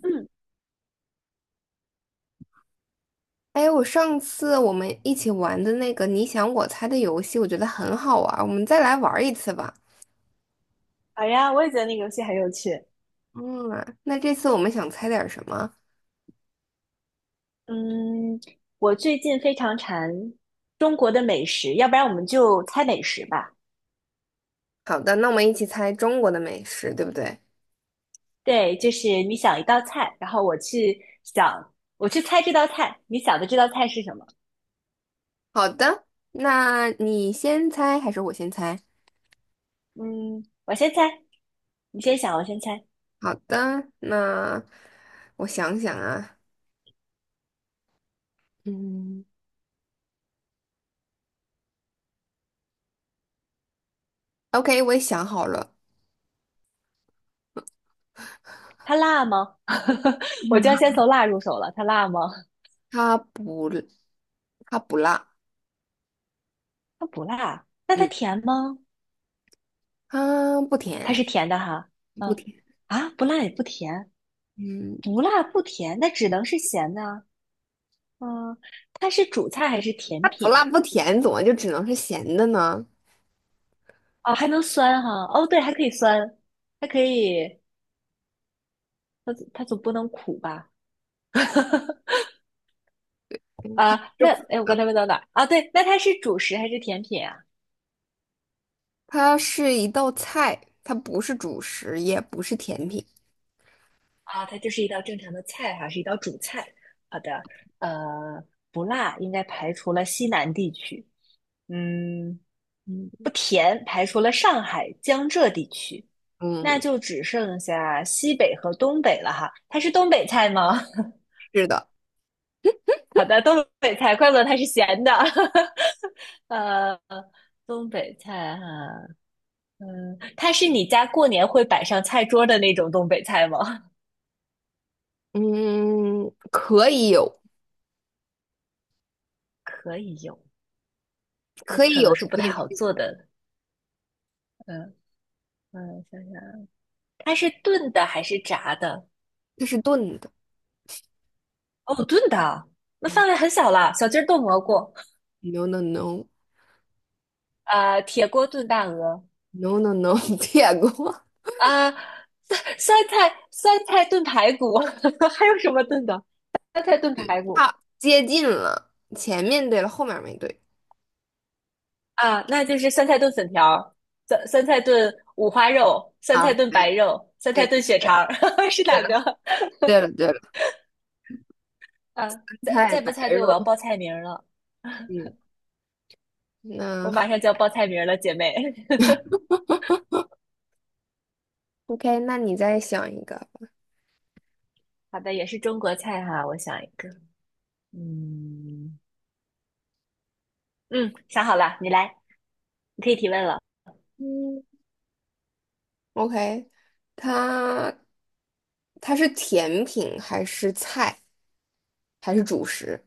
嗯，哎，我上次我们一起玩的那个你想我猜的游戏，我觉得很好玩儿，我们再来玩儿一次吧。好呀，我也觉得那个游戏很有趣。嗯，那这次我们想猜点儿什么？嗯，我最近非常馋中国的美食，要不然我们就猜美食吧。好的，那我们一起猜中国的美食，对不对？对，就是你想一道菜，然后我去想，我去猜这道菜，你想的这道菜是什么？好的，那你先猜还是我先猜？嗯，我先猜，你先想，我先猜。好的，那我想想啊，嗯，OK，我也想好了，它辣吗？我就要 先从辣入手了。它辣吗？它不，它不辣，它不辣。那它嗯，甜吗？它不它是甜，甜的哈。不嗯，甜，啊，不辣也不甜，嗯，不辣不甜，那只能是咸的啊。嗯，它是主菜还是它甜不品辣呀？不甜，怎么就只能是咸的呢？哦，还能酸哈？哦，对，还可以酸，它可以，它总不能苦吧？啊，那哎，我刚才问到哪儿？啊，对，那它是主食还是甜品啊？它是一道菜，它不是主食，也不是甜品。啊，它就是一道正常的菜哈，是一道主菜。好的，呃，不辣，应该排除了西南地区。嗯，嗯，不甜，排除了上海、江浙地区，那嗯，就只剩下西北和东北了哈。它是东北菜吗？是的，好的，东北菜，怪不得它是咸的。呃，东北菜哈、嗯，它是你家过年会摆上菜桌的那种东北菜吗？嗯，可以有，可以有，那可以可有，能是也不可太以好没有。做的。嗯嗯，想想，它是炖的还是炸的？它是炖的。哦，炖的啊那嗯 范围很小了。小鸡儿炖蘑菇，No no no 啊，铁锅炖大鹅，no no no，点过，啊，酸菜酸菜炖排骨，还有什么炖的？酸菜炖排骨。差接近了，前面对了，后面没对啊，那就是酸菜炖粉条酸菜炖五花肉，酸啊，菜炖白肉，酸对菜炖对血对，肠儿，是对哪了个？对了对了，啊，再菜再白不猜对，我要肉，报菜名儿了，嗯，我那 马上就要报菜名儿了，姐妹。OK，那你再想一个吧。好的，也是中国菜哈，我想一个，嗯嗯，想好了，你来，你可以提问了。嗯 OK，它它是甜品还是菜，还是主食？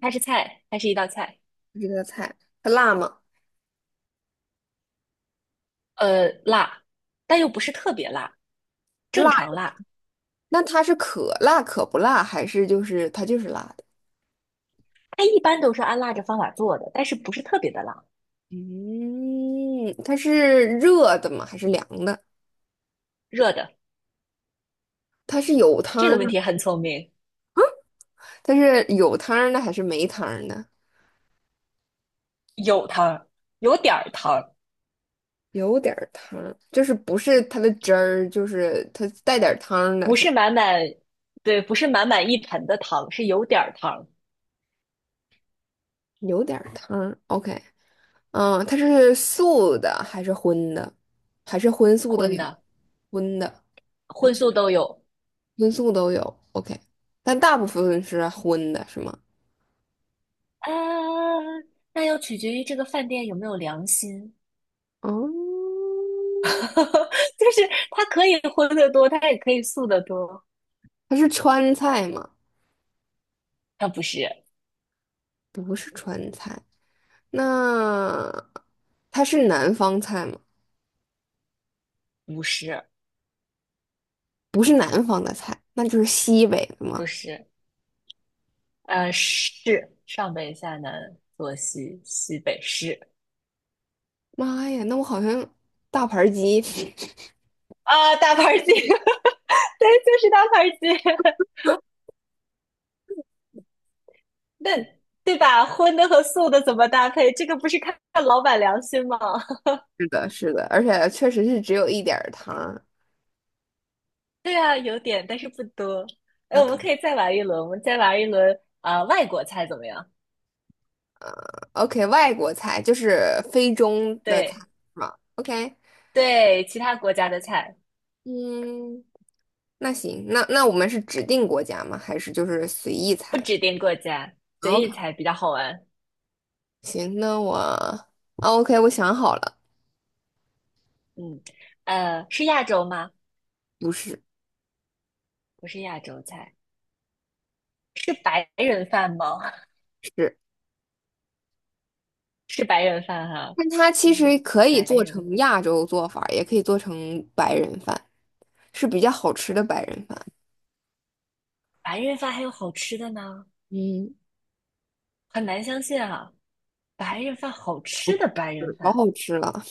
它是菜，它是一道菜，这个菜，它辣吗？辣，但又不是特别辣，正辣，常辣。那它是可辣可不辣，还是就是它就是辣的？它一般都是按辣着方法做的，但是不是特别的辣。嗯，它是热的吗？还是凉的？热的，它是有汤这个儿的问题很聪明。它是有汤儿的还是没汤儿的？有汤，有点儿糖，有点儿汤儿，就是不是它的汁儿，就是它带点儿汤儿的，不是吧？是满满，对，不是满满一盆的汤，是有点儿糖有点儿汤儿，OK。它是素的还是荤的？还是荤素都混有？的，荤的、荤素都有。荤素都有。OK，但大部分是荤的，是吗？啊，那要取决于这个饭店有没有良心，哦，就是它可以荤的多，它也可以素的多。它是川菜吗？啊，不是，那它是南方菜吗？不是，不是南方的菜，那就是西北的不吗？是，是上北下南，左西北是妈呀，那我好像大盘鸡。啊，大盘鸡，对，就是大盘鸡。那对吧？荤的和素的怎么搭配？这个不是看看老板良心吗？是的，是的，而且确实是只有一点儿糖儿。对啊，有点，但是不多。哎，我们再玩一轮啊、外国菜怎么样？呃 OK，外国菜就是非中的菜对是吗？OK，对，其他国家的菜，嗯，那行，那我们是指定国家吗？还是就是随意不猜指定国家，随？OK，意猜比较好玩。行，那我啊 OK，我想好了，嗯，呃，是亚洲吗？不是，不是亚洲菜，是白人饭吗？是，是白人饭哈、但它其嗯，实可以白做人成亚洲做法儿也可以做成白人饭，是比较好吃的白人饭。白人饭还有好吃的呢，嗯，很难相信啊。白人饭好吃的白人是老饭好吃了，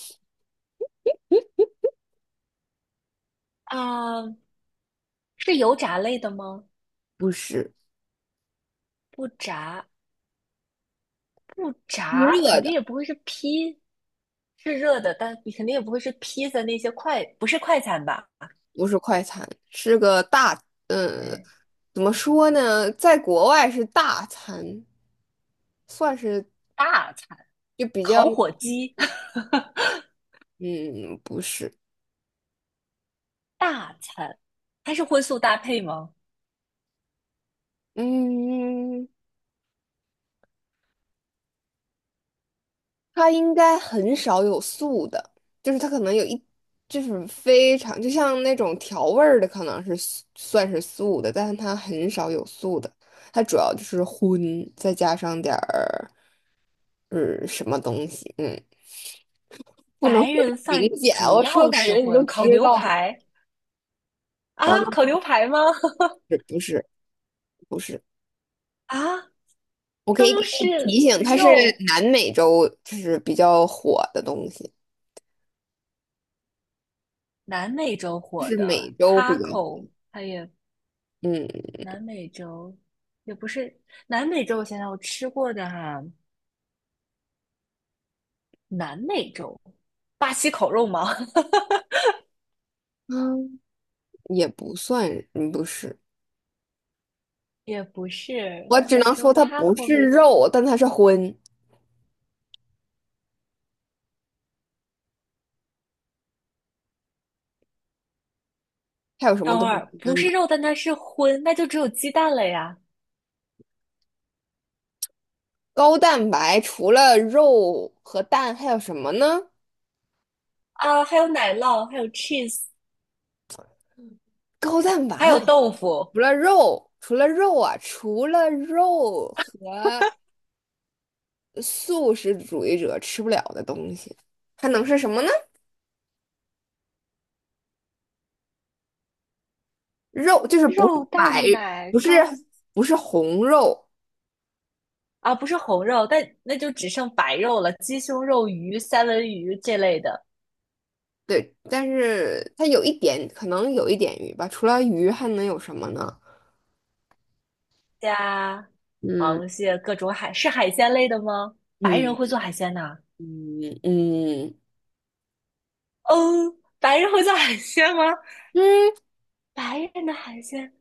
啊，是油炸类的吗？不是，不炸，不是炸，热肯定的。也不会是披，是热的，但你肯定也不会是披萨那些快，不是快餐吧？不是快餐，是个大，嗯，对，怎么说呢，在国外是大餐，算是大餐，就比较，烤火鸡，嗯，不是，大餐，它是荤素搭配吗？嗯，它应该很少有素的，就是它可能有一，就是非常，就像那种调味儿的，可能是素算是素的，但是它很少有素的，它主要就是荤，再加上点儿，嗯，什么东西，不能白说太人饭明显，主我说要感是觉你都荤，烤知牛道。排啊，啊，烤牛排吗？不是不是，啊，我可以给都你是提醒，它是肉。南美洲就是比较火的东西，南美洲就火是美的 洲比较火。taco，它也嗯南美洲也不是南美洲，我想想我吃过的哈、南美洲巴西烤肉吗？嗯也不算，嗯不是，也不是我南只美能洲 说它不 taco 是不是鸡？肉，但它是荤。还有什么等会东西儿高不蛋是白？肉，但它是荤，那就只有鸡蛋了呀。高蛋白除了肉和蛋还有什么呢？啊，还有奶酪，还有 cheese，高蛋白还有豆腐，除了肉和素食主义者吃不了的东西，还能是什么呢？肉就是不是肉白，蛋奶不是糕不是红肉，啊，不是红肉，但那就只剩白肉了，鸡胸肉、鱼、三文鱼这类的，对，但是它有一点，可能有一点鱼吧。除了鱼，还能有什么呢？加嗯螃蟹，各种海，是海鲜类的吗？白人嗯会做海鲜呐、嗯嗯嗯，白人会做海鲜吗？嗯，白人的海鲜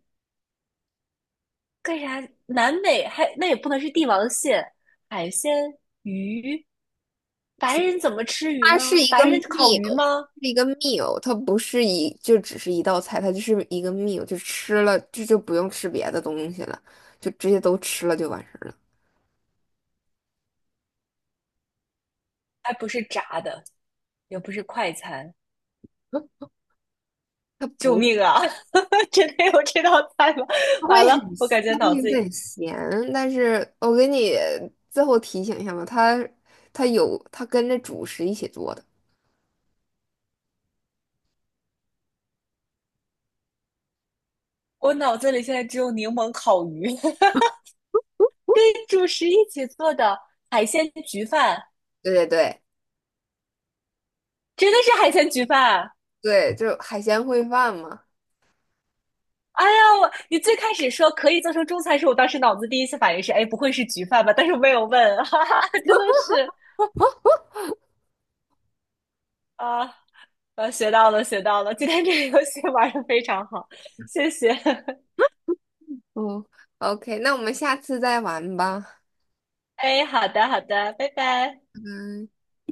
干啥？南美还那也不能是帝王蟹，海鲜鱼，白人怎么吃鱼它是呢？一个 白人烤鱼 meal，吗？它不是一就只是一道菜，它就是一个 meal，就吃了这就不用吃别的东西了，就直接都吃了就完事儿了。还不是炸的，也不是快餐。嗯它救不命啊！真的有这道菜吗？它会完很，了，我感觉它脑会有子里，点咸，但是我给你最后提醒一下吧，它跟着主食一起做的，我脑子里现在只有柠檬烤鱼，跟主食一起做的海鲜焗饭，对对对真的是海鲜焗饭。对，就海鲜烩饭嘛。哎呀，我你最开始说可以做成中餐时，我当时脑子第一次反应是，哎，不会是焗饭吧？但是我没有问，哈哈，真的是啊，学到了，学到了，今天这个游戏玩的非常好，谢谢。嗯，OK，那我们下次再玩吧。哎，好的，好的，拜拜。嗯。